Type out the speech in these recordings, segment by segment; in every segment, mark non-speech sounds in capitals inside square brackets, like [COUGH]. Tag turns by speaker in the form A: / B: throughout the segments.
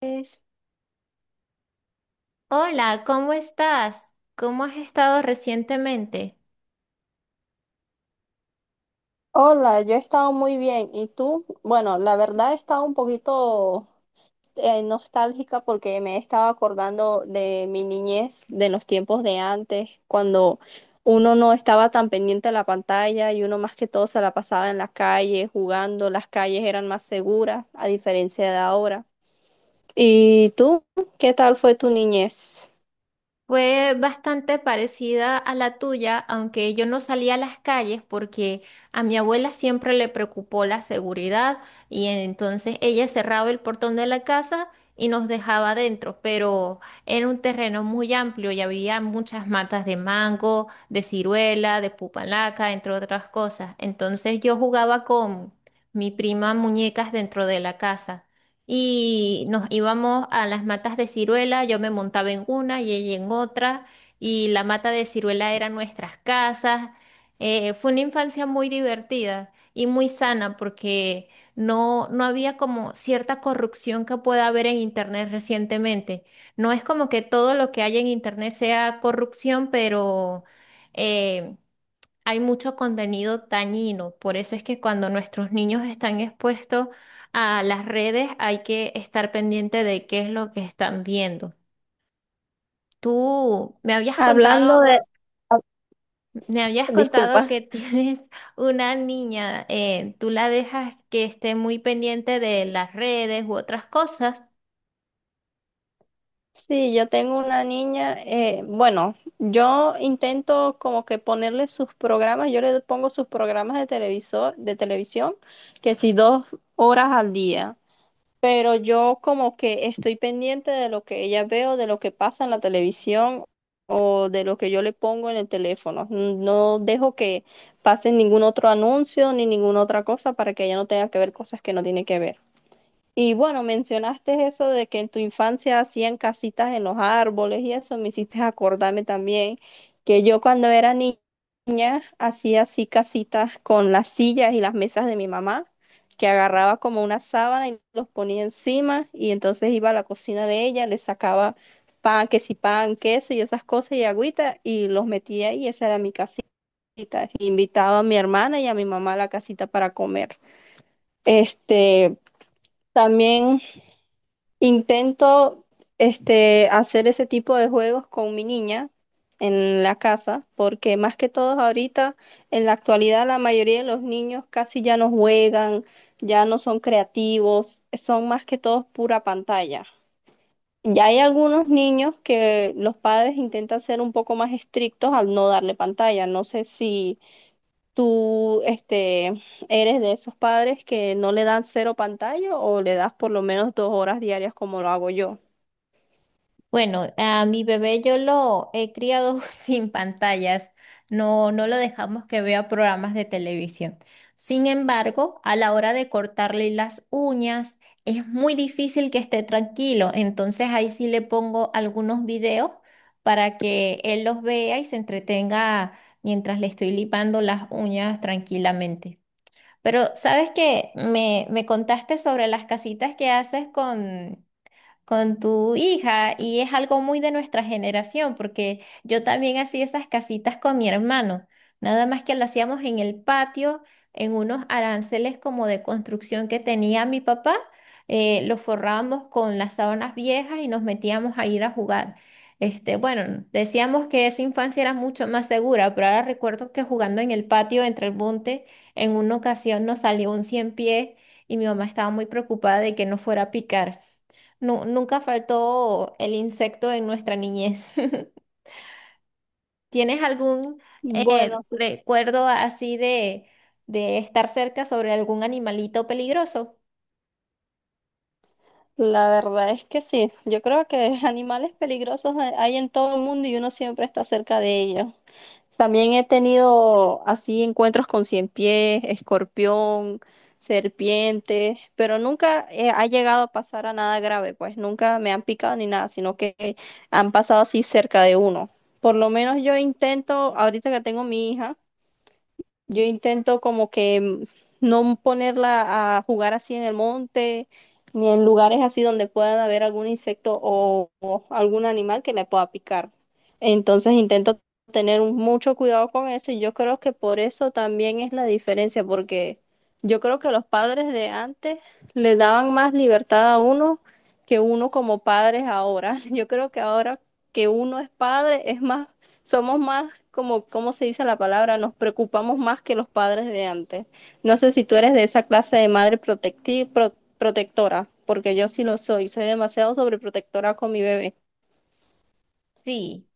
A: Es- Hola, ¿cómo estás? ¿Cómo has estado recientemente?
B: Hola, yo he estado muy bien. ¿Y tú? Bueno, la verdad he estado un poquito nostálgica porque me he estado acordando de mi niñez, de los tiempos de antes, cuando uno no estaba tan pendiente de la pantalla y uno más que todo se la pasaba en la calle jugando. Las calles eran más seguras, a diferencia de ahora. ¿Y tú? ¿Qué tal fue tu niñez?
A: Fue bastante parecida a la tuya, aunque yo no salía a las calles porque a mi abuela siempre le preocupó la seguridad y entonces ella cerraba el portón de la casa y nos dejaba adentro, pero era un terreno muy amplio y había muchas matas de mango, de ciruela, de pupalaca, entre otras cosas. Entonces yo jugaba con mi prima muñecas dentro de la casa y nos íbamos a las matas de ciruela, yo me montaba en una y ella en otra, y la mata de ciruela eran nuestras casas. Fue una infancia muy divertida y muy sana porque no había como cierta corrupción que pueda haber en Internet recientemente. No es como que todo lo que hay en Internet sea corrupción, pero eh, hay mucho contenido dañino. Por eso es que cuando nuestros niños están expuestos a las redes, hay que estar pendiente de qué es lo que están viendo. Tú me habías
B: Hablando
A: contado,
B: de... ah,
A: Me habías contado
B: disculpa.
A: que [LAUGHS] tienes una niña, ¿tú la dejas que esté muy pendiente de las redes u otras cosas?
B: Sí, yo tengo una niña, bueno, yo intento como que ponerle sus programas, yo le pongo sus programas de televisor, de televisión, que si 2 horas al día, pero yo como que estoy pendiente de lo que ella veo, de lo que pasa en la televisión o de lo que yo le pongo en el teléfono. No dejo que pase ningún otro anuncio ni ninguna otra cosa para que ella no tenga que ver cosas que no tiene que ver. Y bueno, mencionaste eso de que en tu infancia hacían casitas en los árboles y eso me hiciste acordarme también que yo cuando era niña hacía así casitas con las sillas y las mesas de mi mamá, que agarraba como una sábana y los ponía encima y entonces iba a la cocina de ella, le sacaba pan, que si pan, queso y esas cosas y agüita y los metía ahí, esa era mi casita. Invitaba a mi hermana y a mi mamá a la casita para comer. Este, también intento hacer ese tipo de juegos con mi niña en la casa, porque más que todos ahorita, en la actualidad, la mayoría de los niños casi ya no juegan, ya no son creativos, son más que todos pura pantalla. Ya hay algunos niños que los padres intentan ser un poco más estrictos al no darle pantalla. No sé si tú, eres de esos padres que no le dan cero pantalla o le das por lo menos 2 horas diarias como lo hago yo.
A: Bueno, a mi bebé yo lo he criado [LAUGHS] sin pantallas, no lo dejamos que vea programas de televisión. Sin embargo, a la hora de cortarle las uñas, es muy difícil que esté tranquilo. Entonces ahí sí le pongo algunos videos para que él los vea y se entretenga mientras le estoy lipando las uñas tranquilamente. Pero, ¿sabes qué? Me contaste sobre las casitas que haces con tu hija y es algo muy de nuestra generación, porque yo también hacía esas casitas con mi hermano, nada más que lo hacíamos en el patio, en unos aranceles como de construcción que tenía mi papá, los forrábamos con las sábanas viejas y nos metíamos a ir a jugar. Este, bueno, decíamos que esa infancia era mucho más segura, pero ahora recuerdo que jugando en el patio entre el monte, en una ocasión nos salió un cien pies y mi mamá estaba muy preocupada de que no fuera a picar. Nunca faltó el insecto en nuestra niñez. [LAUGHS] ¿Tienes algún
B: Bueno, sí,
A: recuerdo así de estar cerca sobre algún animalito peligroso?
B: la verdad es que sí. Yo creo que [LAUGHS] animales peligrosos hay en todo el mundo y uno siempre está cerca de ellos. También he tenido así encuentros con cien pies, escorpión, serpientes, pero nunca ha llegado a pasar a nada grave, pues nunca me han picado ni nada, sino que han pasado así cerca de uno. Por lo menos yo intento, ahorita que tengo mi hija, yo intento como que no ponerla a jugar así en el monte, ni en lugares así donde pueda haber algún insecto o algún animal que le pueda picar. Entonces intento mucho cuidado con eso y yo creo que por eso también es la diferencia, porque yo creo que los padres de antes le daban más libertad a uno que uno como padres ahora. [LAUGHS] Yo creo que ahora que uno es padre es más somos más, como, ¿cómo se dice la palabra? Nos preocupamos más que los padres de antes. No sé si tú eres de esa clase de madre protectora, porque yo sí lo soy. Soy demasiado sobreprotectora con mi bebé.
A: Sí.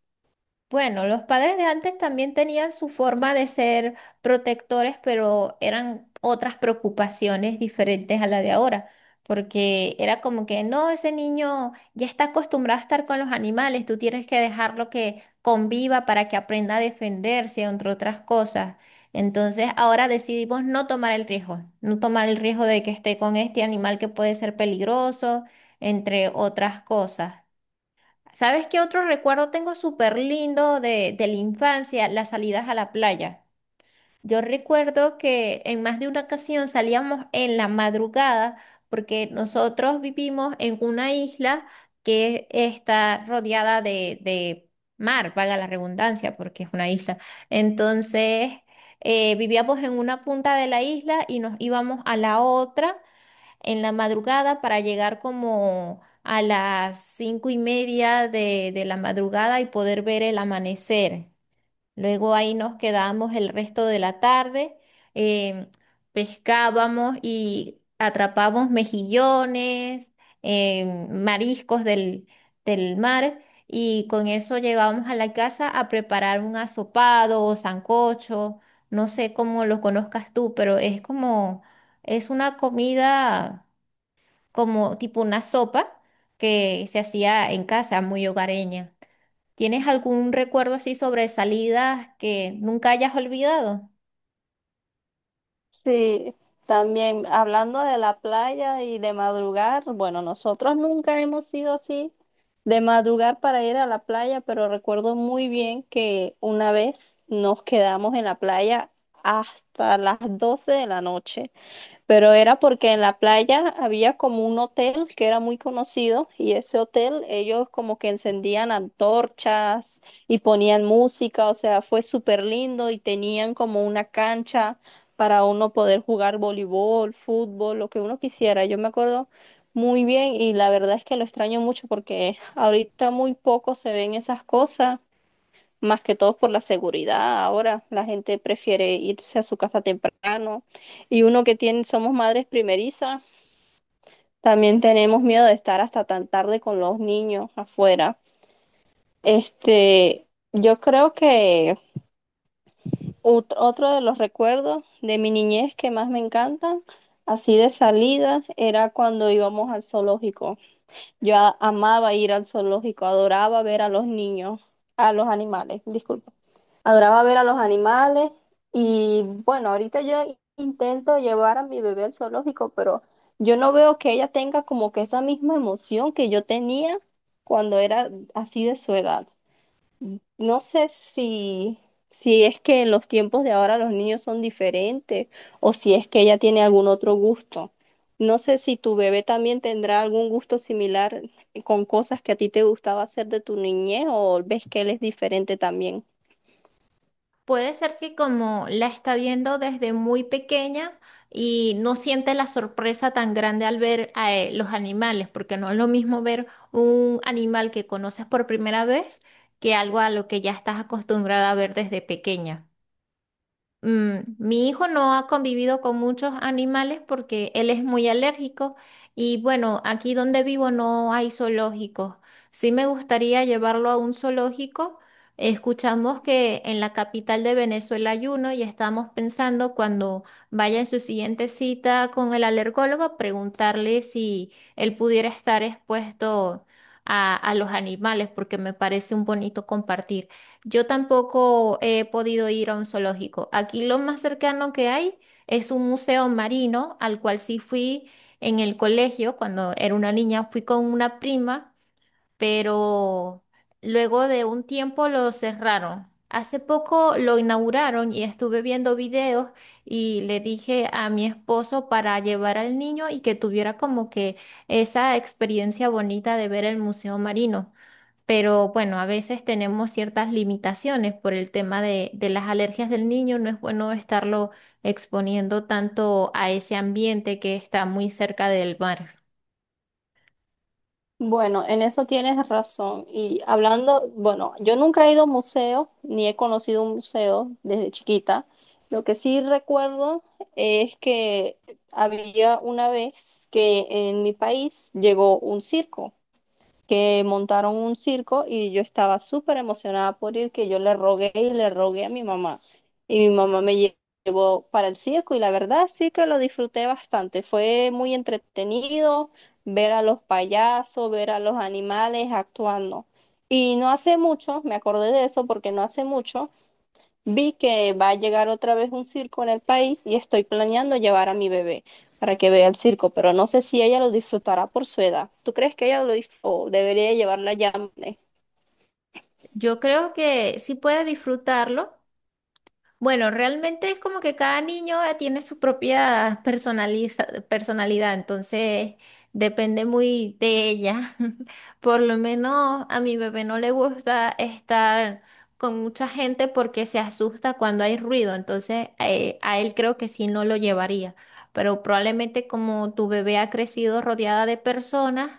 A: Bueno, los padres de antes también tenían su forma de ser protectores, pero eran otras preocupaciones diferentes a la de ahora, porque era como que, no, ese niño ya está acostumbrado a estar con los animales, tú tienes que dejarlo que conviva para que aprenda a defenderse, entre otras cosas. Entonces, ahora decidimos no tomar el riesgo, no tomar el riesgo de que esté con este animal que puede ser peligroso, entre otras cosas. ¿Sabes qué otro recuerdo tengo súper lindo de la infancia? Las salidas a la playa. Yo recuerdo que en más de una ocasión salíamos en la madrugada porque nosotros vivimos en una isla que está rodeada de mar, valga la redundancia, porque es una isla. Entonces, vivíamos en una punta de la isla y nos íbamos a la otra en la madrugada para llegar como a las 5:30 de la madrugada y poder ver el amanecer. Luego ahí nos quedábamos el resto de la tarde, eh, pescábamos y atrapábamos mejillones, mariscos del mar. Y con eso llegábamos a la casa a preparar un asopado o sancocho, no sé cómo lo conozcas tú, pero es como, es una comida como tipo una sopa que se hacía en casa, muy hogareña. ¿Tienes algún recuerdo así sobre salidas que nunca hayas olvidado?
B: Sí, también hablando de la playa y de madrugar, bueno, nosotros nunca hemos sido así de madrugar para ir a la playa, pero recuerdo muy bien que una vez nos quedamos en la playa hasta las 12 de la noche, pero era porque en la playa había como un hotel que era muy conocido y ese hotel ellos como que encendían antorchas y ponían música, o sea, fue súper lindo y tenían como una cancha para uno poder jugar voleibol, fútbol, lo que uno quisiera. Yo me acuerdo muy bien y la verdad es que lo extraño mucho porque ahorita muy poco se ven esas cosas más que todo por la seguridad. Ahora la gente prefiere irse a su casa temprano y uno que tiene, somos madres primerizas, también tenemos miedo de estar hasta tan tarde con los niños afuera. Este, yo creo que otro de los recuerdos de mi niñez que más me encantan, así de salida, era cuando íbamos al zoológico. Yo amaba ir al zoológico, adoraba ver a los niños, a los animales, disculpa. Adoraba ver a los animales y bueno, ahorita yo intento llevar a mi bebé al zoológico, pero yo no veo que ella tenga como que esa misma emoción que yo tenía cuando era así de su edad. No sé si es que en los tiempos de ahora los niños son diferentes o si es que ella tiene algún otro gusto. No sé si tu bebé también tendrá algún gusto similar con cosas que a ti te gustaba hacer de tu niñez o ves que él es diferente también.
A: Puede ser que como la está viendo desde muy pequeña y no siente la sorpresa tan grande al ver a los animales, porque no es lo mismo ver un animal que conoces por primera vez que algo a lo que ya estás acostumbrada a ver desde pequeña. Mi hijo no ha convivido con muchos animales porque él es muy alérgico y bueno, aquí donde vivo no hay zoológicos. Sí me gustaría llevarlo a un zoológico. Escuchamos que en la capital de Venezuela hay uno y estamos pensando cuando vaya en su siguiente cita con el alergólogo preguntarle si él pudiera estar expuesto a los animales porque me parece un bonito compartir. Yo tampoco he podido ir a un zoológico. Aquí lo más cercano que hay es un museo marino al cual sí fui en el colegio cuando era una niña, fui con una prima, pero luego de un tiempo lo cerraron. Hace poco lo inauguraron y estuve viendo videos y le dije a mi esposo para llevar al niño y que tuviera como que esa experiencia bonita de ver el museo marino. Pero bueno, a veces tenemos ciertas limitaciones por el tema de las alergias del niño. No es bueno estarlo exponiendo tanto a ese ambiente que está muy cerca del mar.
B: Bueno, en eso tienes razón. Y hablando, bueno, yo nunca he ido a un museo, ni he conocido un museo desde chiquita. Lo que sí recuerdo es que había una vez que en mi país llegó un circo, que montaron un circo y yo estaba súper emocionada por ir, que yo le rogué y le rogué a mi mamá. Y mi mamá llevó para el circo y la verdad sí que lo disfruté bastante. Fue muy entretenido ver a los payasos, ver a los animales actuando. Y no hace mucho, me acordé de eso porque no hace mucho vi que va a llegar otra vez un circo en el país y estoy planeando llevar a mi bebé para que vea el circo, pero no sé si ella lo disfrutará por su edad. ¿Tú crees que ella o debería llevarla ya?
A: Yo creo que sí puede disfrutarlo. Bueno, realmente es como que cada niño tiene su propia personalidad, entonces depende muy de ella. [LAUGHS] Por lo menos a mi bebé no le gusta estar con mucha gente porque se asusta cuando hay ruido, entonces a él creo que sí no lo llevaría, pero probablemente como tu bebé ha crecido rodeada de personas,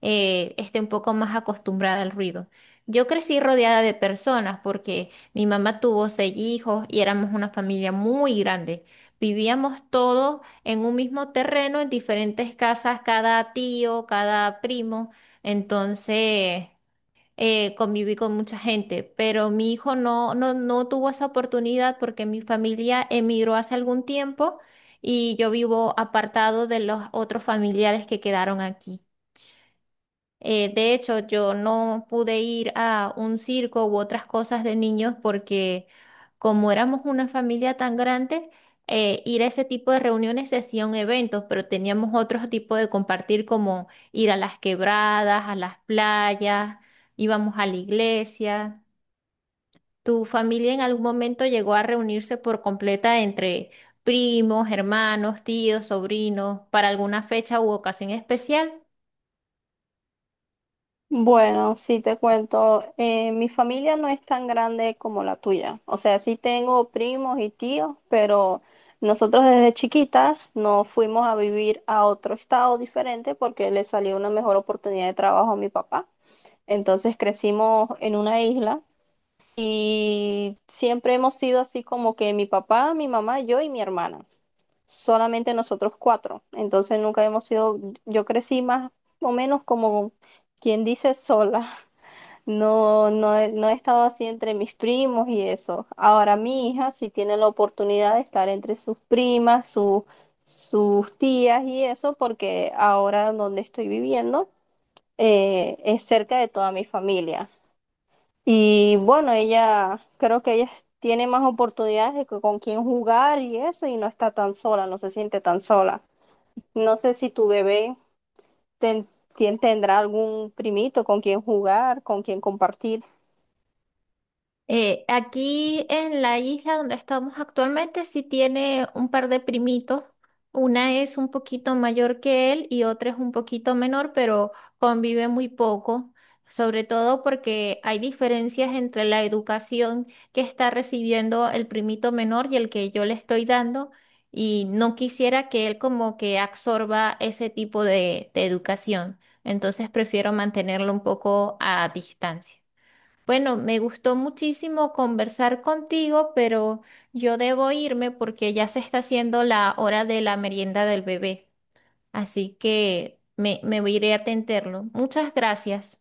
A: esté un poco más acostumbrada al ruido. Yo crecí rodeada de personas porque mi mamá tuvo seis hijos y éramos una familia muy grande. Vivíamos todos en un mismo terreno, en diferentes casas, cada tío, cada primo. Entonces, conviví con mucha gente, pero mi hijo no tuvo esa oportunidad porque mi familia emigró hace algún tiempo y yo vivo apartado de los otros familiares que quedaron aquí. De hecho, yo no pude ir a un circo u otras cosas de niños porque como éramos una familia tan grande, ir a ese tipo de reuniones se hacían eventos, pero teníamos otro tipo de compartir como ir a las quebradas, a las playas, íbamos a la iglesia. ¿Tu familia en algún momento llegó a reunirse por completa entre primos, hermanos, tíos, sobrinos, para alguna fecha u ocasión especial?
B: bueno, sí te cuento, mi familia no es tan grande como la tuya. O sea, sí tengo primos y tíos, pero nosotros desde chiquitas nos fuimos a vivir a otro estado diferente porque le salió una mejor oportunidad de trabajo a mi papá. Entonces crecimos en una isla y siempre hemos sido así como que mi papá, mi mamá, yo y mi hermana. Solamente nosotros cuatro. Entonces nunca hemos sido, yo crecí más o menos como quien dice sola. [LAUGHS] No he estado así entre mis primos y eso. Ahora mi hija sí tiene la oportunidad de estar entre sus primas, sus tías y eso, porque ahora donde estoy viviendo es cerca de toda mi familia. Y bueno, ella, creo que ella tiene más oportunidades de que con quién jugar y eso, y no está tan sola, no se siente tan sola. No sé si tu bebé ten- tendrá algún primito con quien jugar, con quien compartir.
A: Aquí en la isla donde estamos actualmente sí tiene un par de primitos. Una es un poquito mayor que él y otra es un poquito menor, pero convive muy poco, sobre todo porque hay diferencias entre la educación que está recibiendo el primito menor y el que yo le estoy dando. Y no quisiera que él como que absorba ese tipo de educación. Entonces prefiero mantenerlo un poco a distancia. Bueno, me gustó muchísimo conversar contigo, pero yo debo irme porque ya se está haciendo la hora de la merienda del bebé. Así que me iré a atenderlo. Muchas gracias.